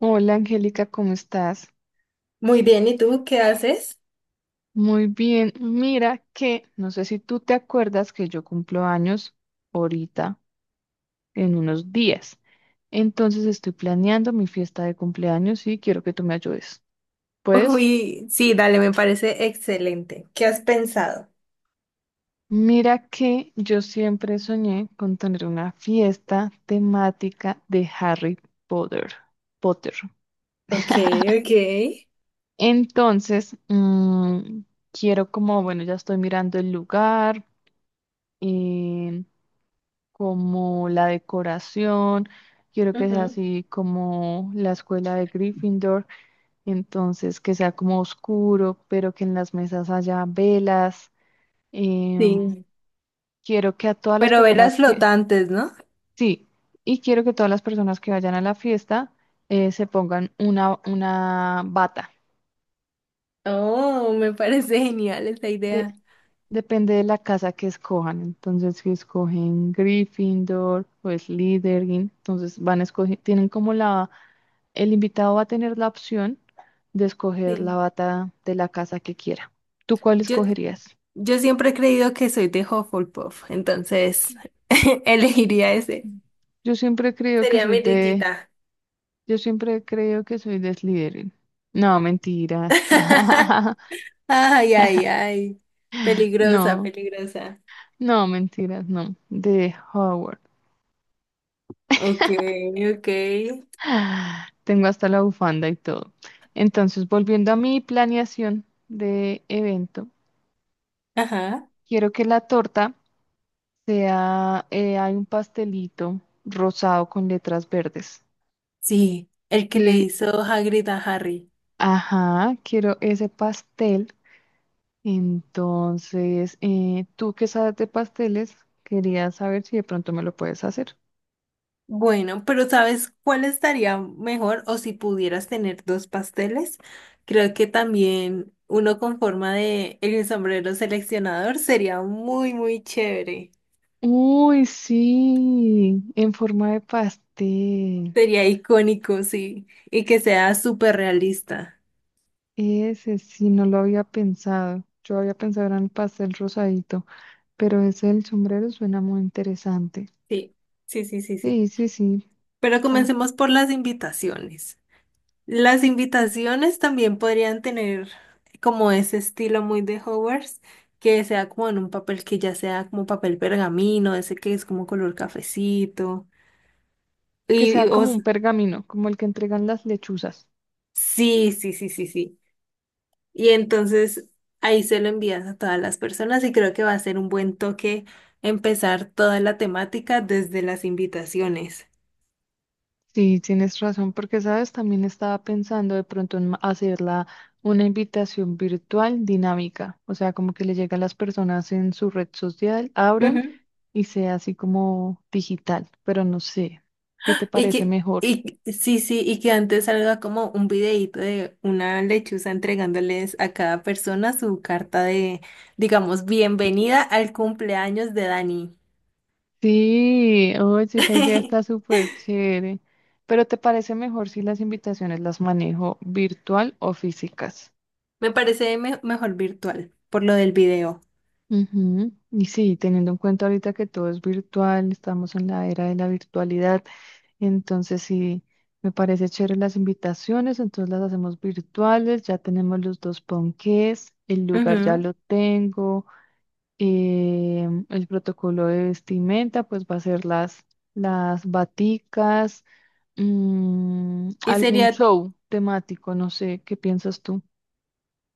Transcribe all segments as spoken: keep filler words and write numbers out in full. Hola, Angélica, ¿cómo estás? Muy bien, ¿y tú qué haces? Muy bien. Mira que, no sé si tú te acuerdas que yo cumplo años ahorita, en unos días. Entonces estoy planeando mi fiesta de cumpleaños y quiero que tú me ayudes. Pues, Uy, sí, dale, me parece excelente. ¿Qué has pensado? mira que yo siempre soñé con tener una fiesta temática de Harry Potter. Potter. Ok, ok. Entonces, mm, quiero como, bueno, ya estoy mirando el lugar. eh, Como la decoración, quiero que sea Ujú. así como la escuela de Gryffindor, entonces que sea como oscuro, pero que en las mesas haya velas. em, Sí. Quiero que a todas las Pero personas velas que, flotantes, ¿no? sí, y quiero que todas las personas que vayan a la fiesta eh, se pongan una, una bata. Oh, me parece genial esa De- idea. depende de la casa que escojan. Entonces, si escogen Gryffindor o Slytherin, entonces van a escoger, tienen como la. El invitado va a tener la opción de escoger la Sí. bata de la casa que quiera. ¿Tú cuál Yo, escogerías? yo siempre he creído que soy de Hufflepuff, entonces elegiría ese. Mm. Yo siempre creo que Sería soy mi de, lillita. yo siempre creo que soy de Slytherin. No, mentiras. Ay, ay, ay. Peligrosa, No, peligrosa. no, mentiras, no. De Howard. Ok, ok. Ah, tengo hasta la bufanda y todo. Entonces, volviendo a mi planeación de evento, Ajá. quiero que la torta sea, eh, hay un pastelito rosado con letras verdes. Sí, el que le Sí, hizo Hagrid a Harry. ajá, quiero ese pastel. Entonces, eh, tú que sabes de pasteles, quería saber si de pronto me lo puedes hacer. Bueno, pero ¿sabes cuál estaría mejor? O si pudieras tener dos pasteles, creo que también uno con forma de el sombrero seleccionador sería muy, muy chévere. Uy, sí, en forma de pastel. Sería icónico, sí, y que sea súper realista. Ese sí, no lo había pensado. Yo había pensado en el pastel rosadito, pero ese del sombrero suena muy interesante. Sí, sí, sí, sí, sí. Sí, sí, sí. Pero Ah, comencemos por las invitaciones. Las invitaciones también podrían tener como ese estilo muy de Hogwarts, que sea como en un papel que ya sea como papel pergamino, ese que es como color cafecito. que Y, y sea como os- un pergamino, como el que entregan las lechuzas. sí, sí, sí, sí, sí. Y entonces ahí se lo envías a todas las personas y creo que va a ser un buen toque empezar toda la temática desde las invitaciones. Sí, tienes razón, porque sabes, también estaba pensando de pronto en ma- hacerla una invitación virtual dinámica, o sea, como que le llega a las personas en su red social, abran y sea así como digital, pero no sé, ¿qué te Y parece que, mejor? y sí, sí, y que antes salga como un videíto de una lechuza entregándoles a cada persona su carta de, digamos, bienvenida al cumpleaños de Dani. Sí, oye, esa idea está súper chévere, pero ¿te parece mejor si las invitaciones las manejo virtual o físicas? Me parece me- mejor virtual, por lo del video. Ujú. Y sí, teniendo en cuenta ahorita que todo es virtual, estamos en la era de la virtualidad. Entonces, sí, me parece chévere las invitaciones, entonces las hacemos virtuales, ya tenemos los dos ponqués, el lugar ya Ujú. lo tengo, eh, el protocolo de vestimenta, pues va a ser las, las baticas, mm, Y algún sería, show temático, no sé, ¿qué piensas tú?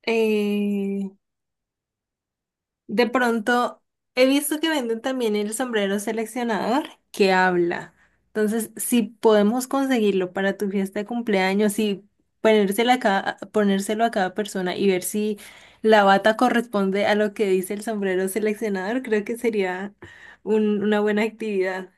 eh, de pronto, he visto que venden también el sombrero seleccionador que habla. Entonces, si podemos conseguirlo para tu fiesta de cumpleaños y ponérselo a cada, ponérselo a cada persona y ver si la bata corresponde a lo que dice el sombrero seleccionador, creo que sería un- una buena actividad.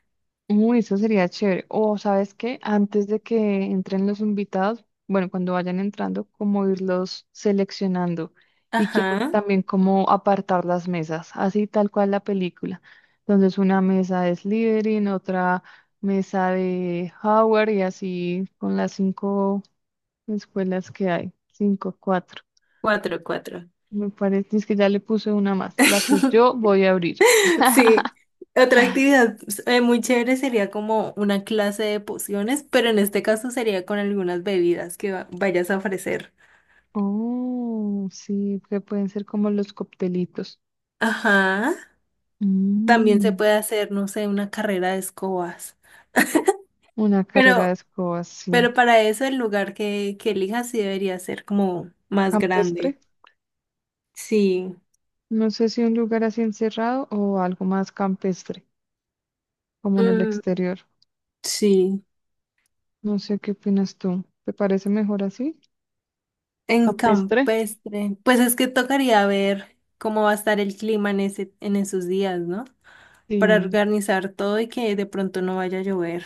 Uy, eso sería chévere. O, ¿sabes qué? Antes de que entren los invitados, bueno, cuando vayan entrando, como irlos seleccionando. Y quiero Ajá, también como apartar las mesas, así tal cual la película. Entonces, una mesa de Slytherin, otra mesa de Howard y así con las cinco escuelas que hay. Cinco, cuatro. cuatro, cuatro. Me parece es que ya le puse una más, la que yo voy a abrir. Sí, otra Ah. actividad pues, eh, muy chévere sería como una clase de pociones, pero en este caso sería con algunas bebidas que va- vayas a ofrecer. Oh, sí, que pueden ser como los coctelitos. Ajá, también se Mm, puede hacer, no sé, una carrera de escobas, una carrera de pero, escobas, sí. pero para eso el lugar que, que elijas sí debería ser como más grande. Campestre. Sí, No sé si un lugar así encerrado o algo más campestre, como en el mm, exterior. sí, No sé qué opinas tú. ¿Te parece mejor así? en Campestre. campestre. Pues es que tocaría ver cómo va a estar el clima en ese, en esos días, ¿no? Para Sí, organizar todo y que de pronto no vaya a llover.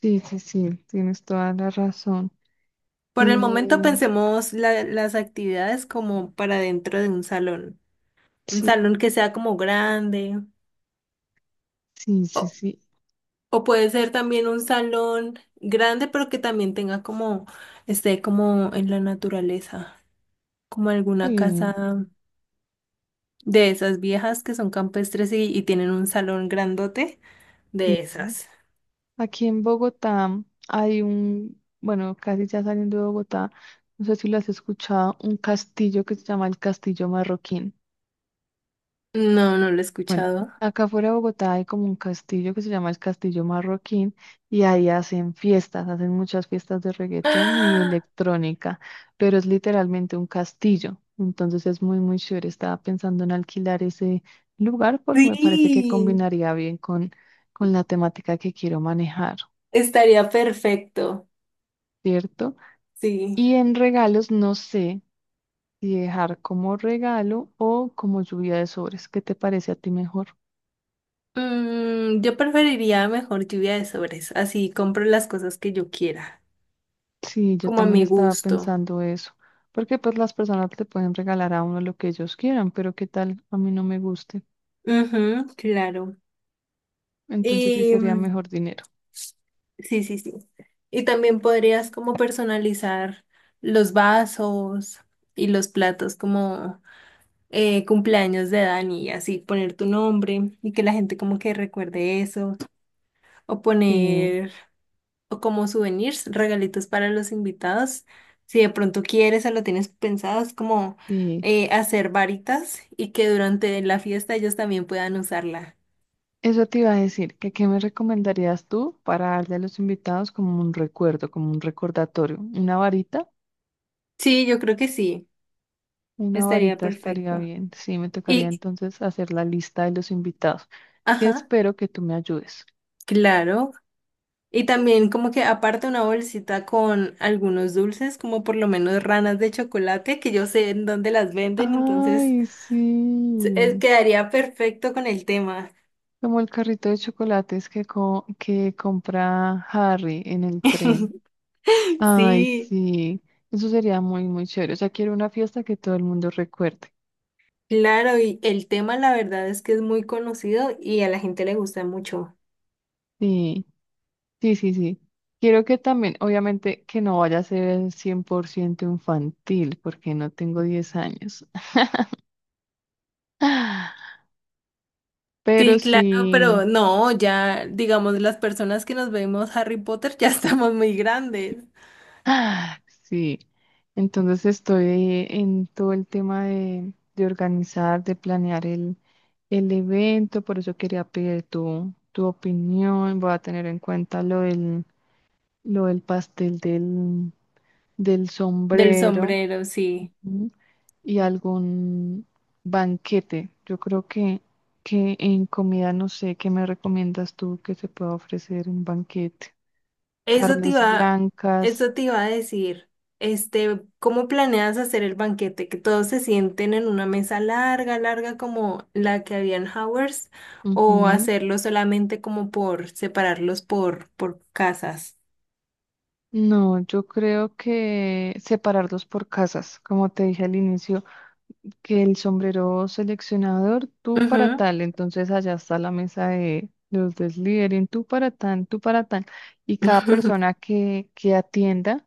sí, sí, sí. Tienes toda la razón. Por el momento Eh, pensemos la- las actividades como para dentro de un salón. Un sí, salón que sea como grande sí, sí, o, sí. o puede ser también un salón grande pero que también tenga como, esté como en la naturaleza, como alguna Sí, casa de esas viejas que son campestres y, y tienen un salón grandote de sí. esas. Aquí en Bogotá hay un, bueno, casi ya saliendo de Bogotá, no sé si lo has escuchado, un castillo que se llama el Castillo Marroquín. No, no lo he Bueno, escuchado. acá fuera de Bogotá hay como un castillo que se llama el Castillo Marroquín y ahí hacen fiestas, hacen muchas fiestas de reggaetón y ¡Ah! electrónica, pero es literalmente un castillo, entonces es muy, muy chévere. Estaba pensando en alquilar ese lugar porque me parece que Sí, combinaría bien con, con la temática que quiero manejar, estaría perfecto. ¿cierto? Sí. Y en regalos no sé si dejar como regalo o como lluvia de sobres. ¿Qué te parece a ti mejor? Mm, yo preferiría mejor lluvia de sobres, así compro las cosas que yo quiera, Sí, yo como a también mi estaba gusto. pensando eso, porque pues las personas le pueden regalar a uno lo que ellos quieran, pero qué tal a mí no me guste, Ujú, claro. entonces sí Y sería mm, mejor dinero. sí, sí, sí. Y también podrías como personalizar los vasos y los platos como eh, cumpleaños de Dani, y así poner tu nombre y que la gente como que recuerde eso, o Sí, poner o como souvenirs, regalitos para los invitados. Si de pronto quieres o lo tienes pensado, es como sí. eh, hacer varitas y que durante la fiesta ellos también puedan usarla. Eso te iba a decir, que qué me recomendarías tú para darle a los invitados como un recuerdo, como un recordatorio, una varita, Sí, yo creo que sí, una estaría varita estaría perfecto. bien. Sí, me tocaría Y, entonces hacer la lista de los invitados, que ajá, espero que tú me ayudes. claro. Y también como que aparte una bolsita con algunos dulces, como por lo menos ranas de chocolate, que yo sé en dónde las venden, entonces Ay, eh, sí. quedaría perfecto con el tema. Como el carrito de chocolates que, co- que compra Harry en el tren. Ay, Sí. sí, eso sería muy, muy chévere. O sea, quiero una fiesta que todo el mundo recuerde. Claro, y el tema la verdad es que es muy conocido y a la gente le gusta mucho. Sí, sí, sí, sí. Quiero que también, obviamente, que no vaya a ser cien por ciento infantil, porque no tengo diez años. Pero Sí, claro, sí. pero no, ya digamos las personas que nos vemos Harry Potter ya estamos muy grandes. Ah, sí, entonces estoy eh, en todo el tema de, de organizar, de planear el, el evento, por eso quería pedir tu, tu opinión, voy a tener en cuenta lo del, lo del pastel del, del Del sombrero, sombrero, sí. ujú, y algún banquete. Yo creo que, que en comida, no sé, ¿qué me recomiendas tú que se pueda ofrecer un banquete? Eso te Carnes iba, blancas. eso te iba a decir. Este, ¿cómo planeas hacer el banquete? ¿Que todos se sienten en una mesa larga, larga como la que había en Howard's? ¿O hacerlo solamente como por separarlos por, por casas? No, yo creo que separarlos por casas, como te dije al inicio, que el sombrero seleccionador, tú para Ujú. tal, entonces allá está la mesa de los deslíderes, tú para tal, tú para tal, y cada persona que, que atienda,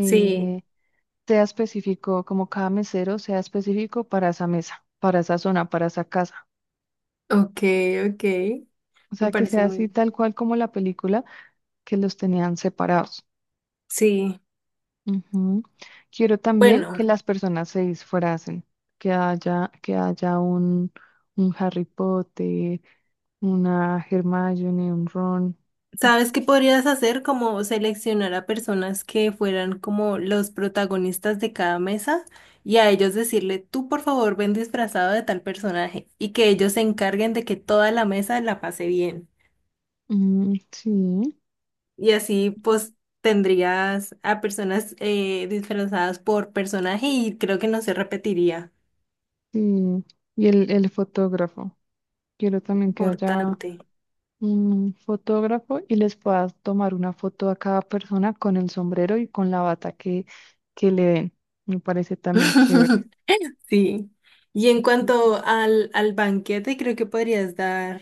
Sí, sea específico, como cada mesero sea específico para esa mesa, para esa zona, para esa casa. ok, ok, O me sea, que parece sea así muy... tal cual como la película que los tenían separados. Sí, Ujú. Quiero también bueno, que las personas se disfracen, que haya, que haya un, un Harry Potter, una Hermione, un Ron. ¿sabes qué podrías hacer? Como seleccionar a personas que fueran como los protagonistas de cada mesa y a ellos decirle, tú por favor ven disfrazado de tal personaje y que ellos se encarguen de que toda la mesa la pase bien. Mm, sí, Y así pues tendrías a personas eh, disfrazadas por personaje y creo que no se repetiría. sí. Y el, el fotógrafo. Quiero también que haya Importante. un fotógrafo y les puedas tomar una foto a cada persona con el sombrero y con la bata que, que le den. Me parece también chévere. Sí. Y en Ujú. cuanto al, al banquete, creo que podrías dar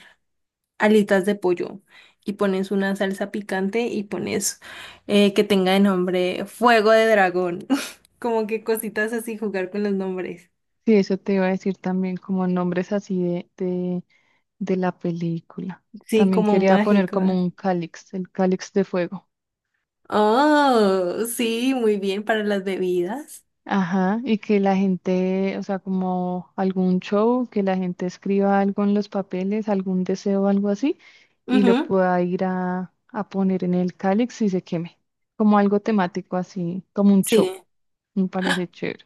alitas de pollo y pones una salsa picante y pones eh, que tenga de nombre fuego de dragón. Como que cositas así, jugar con los nombres. Sí, eso te iba a decir también, como nombres así de, de de la película. Sí, También como quería poner como mágicos. un cáliz, el cáliz de fuego. Oh, sí, muy bien para las bebidas. Ajá, y que la gente, o sea, como algún show, que la gente escriba algo en los papeles, algún deseo, algo así, y lo Ujú, pueda ir a, a poner en el cáliz y se queme. Como algo temático así, como un show. sí. Me parece chévere.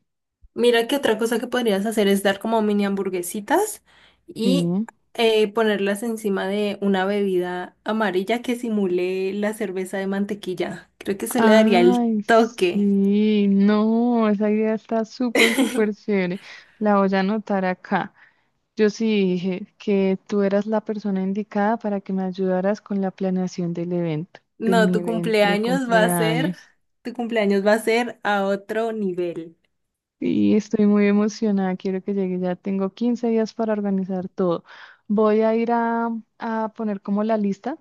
Mira que otra cosa que podrías hacer es dar como mini hamburguesitas y Sí. eh, ponerlas encima de una bebida amarilla que simule la cerveza de mantequilla. Creo que eso le daría el Ay, toque. sí, no, esa idea está súper, súper chévere. La voy a anotar acá. Yo sí dije que tú eras la persona indicada para que me ayudaras con la planeación del evento, de No, mi tu evento de cumpleaños va a ser, cumpleaños. tu cumpleaños va a ser a otro nivel. Y estoy muy emocionada, quiero que llegue, ya tengo quince días para organizar todo. Voy a ir a, a poner como la lista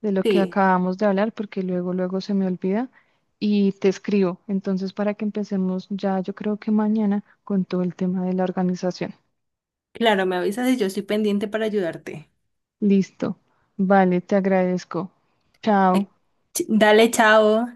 de lo que Sí, acabamos de hablar, porque luego, luego se me olvida y te escribo. Entonces, para que empecemos ya, yo creo que mañana con todo el tema de la organización. claro, me avisas y yo estoy pendiente para ayudarte. Listo. Vale, te agradezco. Ay, Chao. ch- dale, chao.